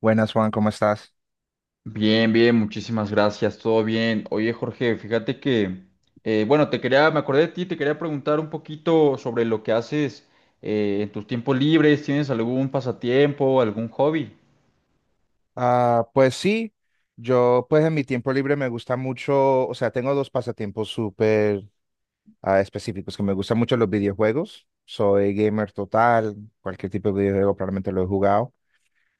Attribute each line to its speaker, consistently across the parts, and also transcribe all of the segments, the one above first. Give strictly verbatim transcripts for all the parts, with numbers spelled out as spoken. Speaker 1: Buenas, Juan, ¿cómo estás?
Speaker 2: Bien, bien, muchísimas gracias, todo bien. Oye, Jorge, fíjate que, eh, bueno, te quería, me acordé de ti, te quería preguntar un poquito sobre lo que haces eh, en tus tiempos libres. ¿Tienes algún pasatiempo, algún hobby?
Speaker 1: Ah, pues sí, yo pues en mi tiempo libre me gusta mucho, o sea, tengo dos pasatiempos súper ah, específicos, que me gustan mucho los videojuegos, soy gamer total, cualquier tipo de videojuego probablemente lo he jugado.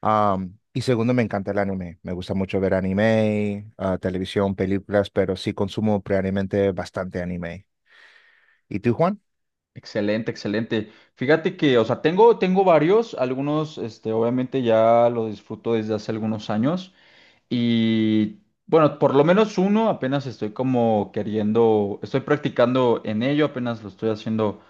Speaker 1: Am, y segundo, me encanta el anime, me gusta mucho ver anime, ah, televisión, películas, pero sí consumo previamente bastante anime. ¿Y tú, Juan?
Speaker 2: Excelente, excelente. Fíjate que, o sea, tengo, tengo varios, algunos, este, obviamente ya lo disfruto desde hace algunos años y, bueno, por lo menos uno apenas estoy como queriendo, estoy practicando en ello, apenas lo estoy haciendo,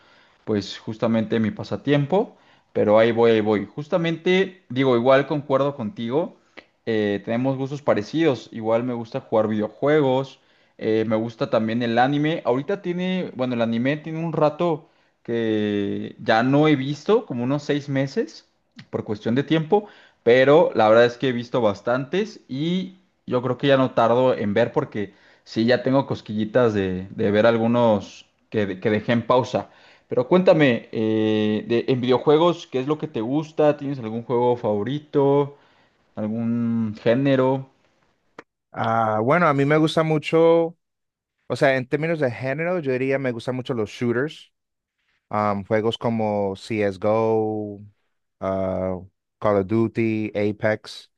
Speaker 2: pues, justamente mi pasatiempo, pero ahí voy, ahí voy. Justamente, digo, igual concuerdo contigo, eh, tenemos gustos parecidos, igual me gusta jugar videojuegos, eh, me gusta también el anime, ahorita tiene, bueno, el anime tiene un rato que ya no he visto, como unos seis meses, por cuestión de tiempo, pero la verdad es que he visto bastantes y yo creo que ya no tardo en ver porque sí, ya tengo cosquillitas de, de ver algunos que, de- que dejé en pausa. Pero cuéntame, eh, de- en videojuegos, ¿qué es lo que te gusta? ¿Tienes algún juego favorito? ¿Algún género?
Speaker 1: Ah, bueno, a mí me gusta mucho, o sea, en términos de género, yo diría me gustan mucho los shooters. Um, juegos como C CSGO, ah, Call of Duty, Apex.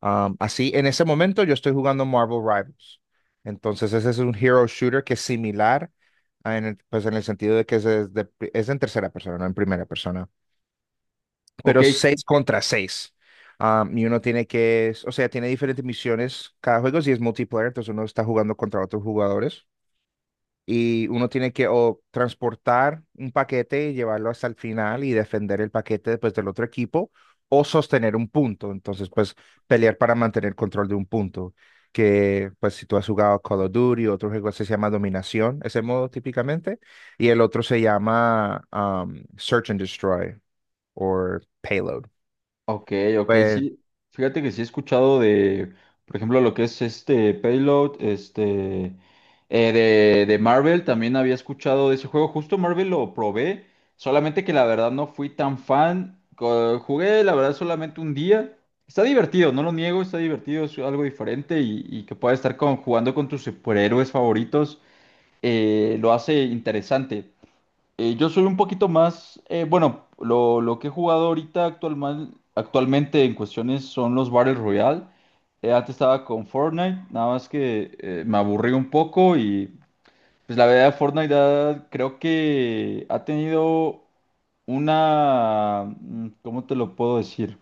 Speaker 1: Um, así, en ese momento yo estoy jugando Marvel Rivals. Entonces, ese es un hero shooter que es similar, a en el, pues en el sentido de que es, es de- es en tercera persona, no en primera persona,
Speaker 2: Ok.
Speaker 1: pero seis contra seis. Um, y uno tiene que, o sea, tiene diferentes misiones cada juego, si es multiplayer, entonces uno está jugando contra otros jugadores y uno tiene que o transportar un paquete y llevarlo hasta el final y defender el paquete después del otro equipo o sostener un punto. Entonces, pues pelear para mantener control de un punto. Que pues si tú has jugado Call of Duty, otro juego se llama Dominación, ese modo típicamente, y el otro se llama um, Search and Destroy o Payload.
Speaker 2: Ok, ok,
Speaker 1: Pues,
Speaker 2: sí. Fíjate que sí he escuchado de, por ejemplo, lo que es este Payload, este, eh, de, de Marvel, también había escuchado de ese juego. Justo Marvel lo probé, solamente que la verdad no fui tan fan. Co- Jugué, la verdad, solamente un día. Está divertido, no lo niego, está divertido, es algo diferente y, y que pueda estar con, jugando con tus superhéroes favoritos, eh, lo hace interesante. Eh, yo soy un poquito más, eh, bueno, lo, lo que he jugado ahorita actualman- actualmente en cuestiones son los Battle Royale. Eh, antes estaba con Fortnite, nada más que eh, me aburrí un poco y pues la verdad Fortnite ha- creo que ha tenido una, mm, ¿cómo te lo puedo decir?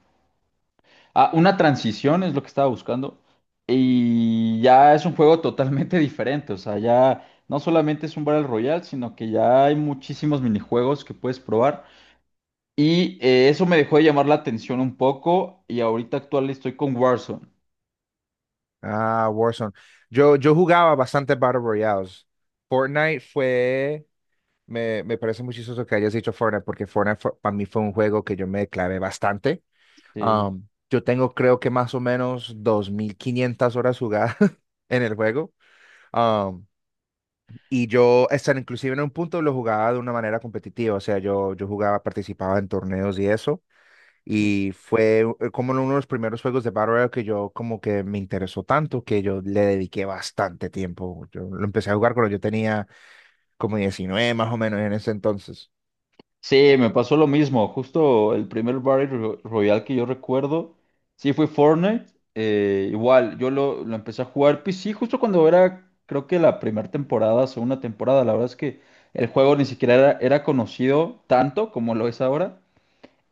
Speaker 2: Ah, una transición es lo que estaba buscando. Y ya es un juego totalmente diferente. O sea, ya no solamente es un Battle Royale, sino que ya hay muchísimos minijuegos que puedes probar. Y eh, eso me dejó de llamar la atención un poco. Y ahorita actual estoy con Warzone.
Speaker 1: ah, Warzone. Yo, yo jugaba bastante Battle Royales. Fortnite fue Me, me parece muy chistoso que hayas dicho Fortnite, porque Fortnite para mí fue un juego que yo me clavé bastante.
Speaker 2: Eh,
Speaker 1: Am, yo tengo creo que más o menos dos mil quinientas horas jugadas en el juego. Am, y yo, hasta inclusive en un punto lo jugaba de una manera competitiva, o sea, yo, yo jugaba, participaba en torneos y eso.
Speaker 2: pues,
Speaker 1: Y fue eh, como uno de los primeros juegos de Battle Royale que yo como que me interesó tanto que yo le dediqué bastante tiempo. Yo lo empecé a jugar cuando yo tenía como diecinueve más o menos en ese entonces.
Speaker 2: Sí, me pasó lo mismo. Justo el primer Battle Ro- Royale que yo recuerdo, sí fue Fortnite. Eh, igual, yo lo, lo empecé a jugar P C justo cuando era, creo que la primera temporada, segunda temporada. La verdad es que el juego ni siquiera era, era conocido tanto como lo es ahora.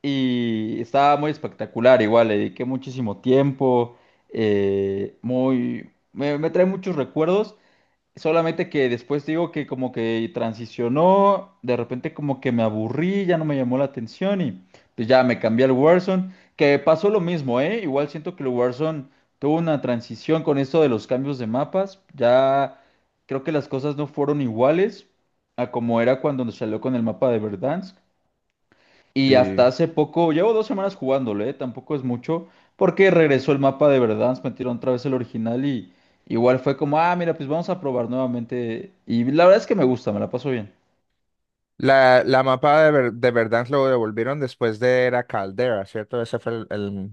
Speaker 2: Y estaba muy espectacular, igual, le dediqué muchísimo tiempo. eh, muy, me, me trae muchos recuerdos. Solamente que después digo que como que transicionó, de repente como que me aburrí, ya no me llamó la atención y pues ya me cambié al Warzone, que pasó lo mismo, ¿eh? Igual siento que el Warzone tuvo una transición con esto de los cambios de mapas, ya creo que las cosas no fueron iguales a como era cuando nos salió con el mapa de Verdansk. Y
Speaker 1: Sí.
Speaker 2: hasta hace poco, llevo dos semanas jugándolo, ¿eh? Tampoco es mucho, porque regresó el mapa de Verdansk, metieron otra vez el original y igual fue como, ah, mira, pues vamos a probar nuevamente. Y la verdad es que me gusta, me la paso bien.
Speaker 1: La, la mapa de, Ver- de Verdansk lo devolvieron después de Era Caldera, ¿cierto? Ese fue el, el-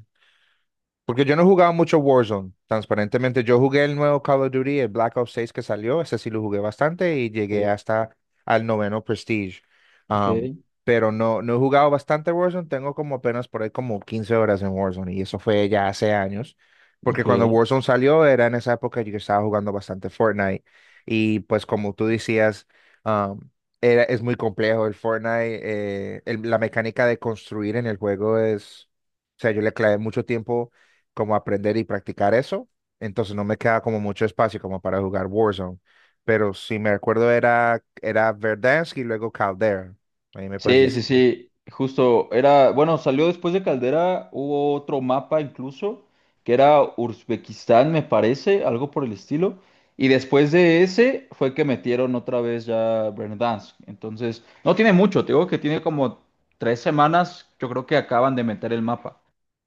Speaker 1: Porque yo no jugaba mucho Warzone, transparentemente. Yo jugué el nuevo Call of Duty, el Black Ops seis que salió, ese sí lo jugué bastante y llegué
Speaker 2: Sí.
Speaker 1: hasta al noveno Prestige.
Speaker 2: Ok,
Speaker 1: Am, pero no, no he jugado bastante Warzone, tengo como apenas por ahí como quince horas en Warzone y eso fue ya hace años. Porque cuando
Speaker 2: ok.
Speaker 1: Warzone salió era en esa época yo estaba jugando bastante Fortnite y pues como tú decías, am, era, es muy complejo el Fortnite, eh, el- la mecánica de construir en el juego es. O sea, yo le clavé mucho tiempo como aprender y practicar eso. Entonces no me queda como mucho espacio como para jugar Warzone. Pero si me recuerdo era, era Verdansk y luego Caldera. Ahí me puedes
Speaker 2: Sí, sí, sí, justo era, bueno, salió después de Caldera, hubo otro mapa incluso, que era Uzbekistán, me parece, algo por el estilo, y después de ese fue que metieron otra vez ya Verdansk, entonces, no tiene mucho, te digo que tiene como tres semanas, yo creo que acaban de meter el mapa,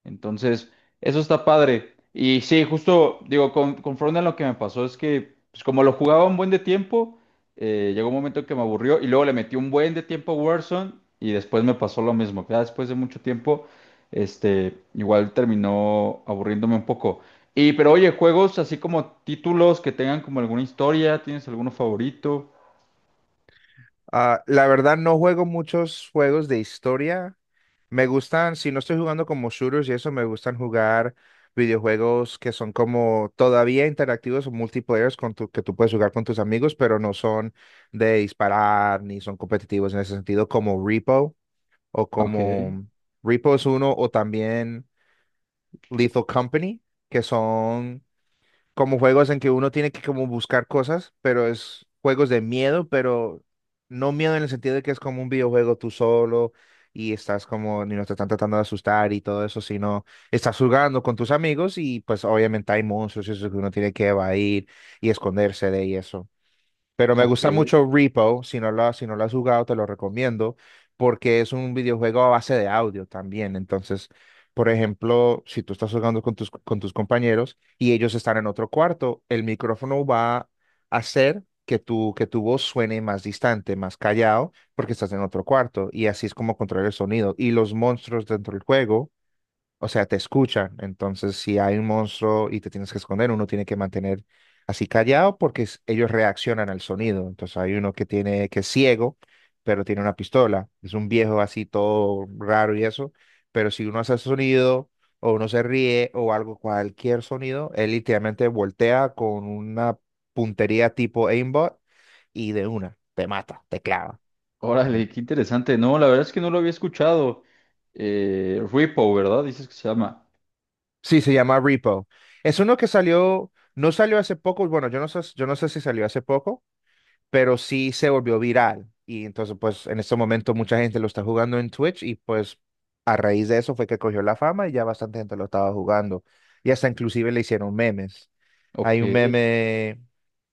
Speaker 2: entonces, eso está padre, y sí, justo, digo, con, conforme a lo que me pasó, es que, pues como lo jugaba un buen de tiempo, eh, llegó un momento que me aburrió y luego le metí un buen de tiempo a Warzone y después me pasó lo mismo. Ya después de mucho tiempo, este, igual terminó aburriéndome un poco. Y, pero oye, juegos así como títulos que tengan como alguna historia, ¿tienes alguno favorito?
Speaker 1: Ah, La verdad no juego muchos juegos de historia. Me gustan, si no estoy jugando como shooters y eso, me gustan jugar videojuegos que son como todavía interactivos o multiplayers con tu- que tú puedes jugar con tus amigos, pero no son de disparar ni son competitivos en ese sentido, como Repo. O
Speaker 2: Ok,
Speaker 1: como Repo es uno, o también Lethal Company, que son como juegos en que uno tiene que como buscar cosas, pero es juegos de miedo, pero no miedo en el sentido de que es como un videojuego tú solo y estás como, ni no te están tratando de asustar y todo eso, sino estás jugando con tus amigos y pues obviamente hay monstruos y eso que uno tiene que evadir y esconderse de y eso. Pero me
Speaker 2: ok.
Speaker 1: gusta mucho Repo, si no lo, has- si no lo has jugado, te lo recomiendo, porque es un videojuego a base de audio también. Entonces, por ejemplo, si tú estás jugando con tus, con tus compañeros y ellos están en otro cuarto, el micrófono va a hacer que tu, que tu voz suene más distante, más callado, porque estás en otro cuarto. Y así es como controlar el sonido. Y los monstruos dentro del juego, o sea, te escuchan. Entonces, si hay un monstruo y te tienes que esconder, uno tiene que mantener así callado porque es- ellos reaccionan al sonido. Entonces, hay uno que tiene que es ciego, pero tiene una pistola. Es un viejo así todo raro y eso. Pero si uno hace sonido o uno se ríe o algo, cualquier sonido, él literalmente voltea con una puntería tipo aimbot y de una te mata, te clava.
Speaker 2: Órale, qué interesante. No, la verdad es que no lo había escuchado. Eh, Repo, ¿verdad? Dices que se llama.
Speaker 1: Sí, se llama Repo. Es uno que salió, no salió hace poco, bueno, yo no sé, yo no sé si salió hace poco, pero sí se volvió viral. Y entonces, pues en este momento mucha gente lo está jugando en Twitch y pues a raíz de eso fue que cogió la fama y ya bastante gente lo estaba jugando. Y hasta inclusive le hicieron memes.
Speaker 2: Ok,
Speaker 1: Hay un meme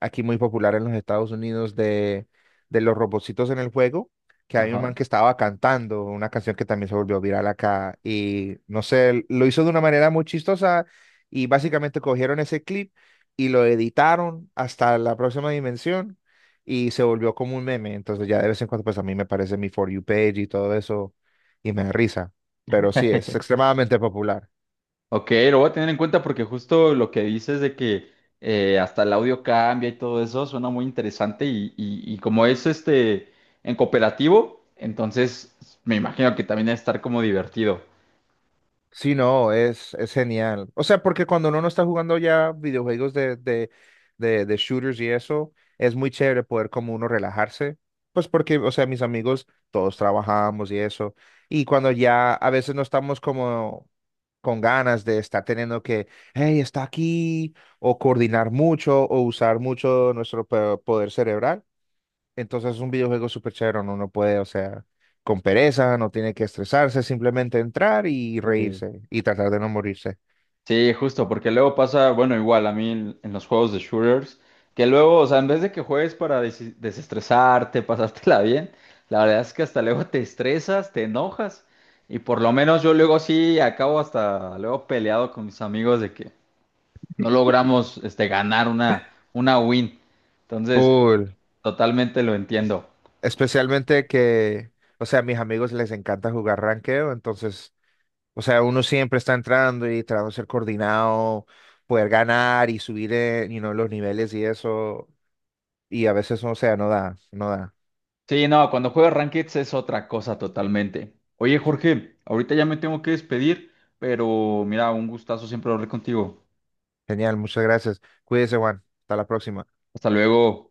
Speaker 1: aquí muy popular en los Estados Unidos de, de, los robotcitos en el juego, que hay un
Speaker 2: ajá.
Speaker 1: man que estaba cantando una canción que también se volvió viral acá y no sé, lo hizo de una manera muy chistosa y básicamente cogieron ese clip y lo editaron hasta la próxima dimensión y se volvió como un meme. Entonces ya de vez en cuando pues a mí me aparece mi For You page y todo eso y me da risa. Pero sí, es extremadamente popular.
Speaker 2: Ok, lo voy a tener en cuenta porque justo lo que dices de que eh, hasta el audio cambia y todo eso suena muy interesante y, y- y como es este en cooperativo, entonces me imagino que también debe estar como divertido.
Speaker 1: Sí, no, es, es genial. O sea, porque cuando uno no está jugando ya videojuegos de, de, de, de shooters y eso, es muy chévere poder como uno relajarse. Pues porque, o sea, mis amigos, todos trabajamos y eso. Y cuando ya a veces no estamos como con ganas de estar teniendo que, hey, está aquí, o coordinar mucho, o usar mucho nuestro pe- poder cerebral, entonces es un videojuego súper chévere, uno no puede, o sea, con pereza, no tiene que estresarse, simplemente entrar y
Speaker 2: Eh,
Speaker 1: reírse y tratar de no morirse.
Speaker 2: sí, justo, porque luego pasa, bueno, igual a mí en, en los juegos de shooters, que luego, o sea, en vez de que juegues para desi- desestresarte, pasártela bien, la verdad es que hasta luego te estresas, te enojas y por lo menos yo luego sí acabo hasta luego peleado con mis amigos de que... no logramos este, ganar una, una win. Entonces,
Speaker 1: Cool.
Speaker 2: totalmente lo entiendo.
Speaker 1: Especialmente que, o sea, a mis amigos les encanta jugar ranqueo, entonces, o sea, uno siempre está entrando y tratando de ser coordinado, poder ganar y subir, eh, you know, los niveles y eso, y a veces, o sea, no da, no da.
Speaker 2: Sí, no, cuando juegas Rankeds es otra cosa totalmente. Oye, Jorge, ahorita ya me tengo que despedir, pero mira, un gustazo siempre hablar contigo.
Speaker 1: Genial, muchas gracias. Cuídese, Juan. Hasta la próxima.
Speaker 2: Hasta luego.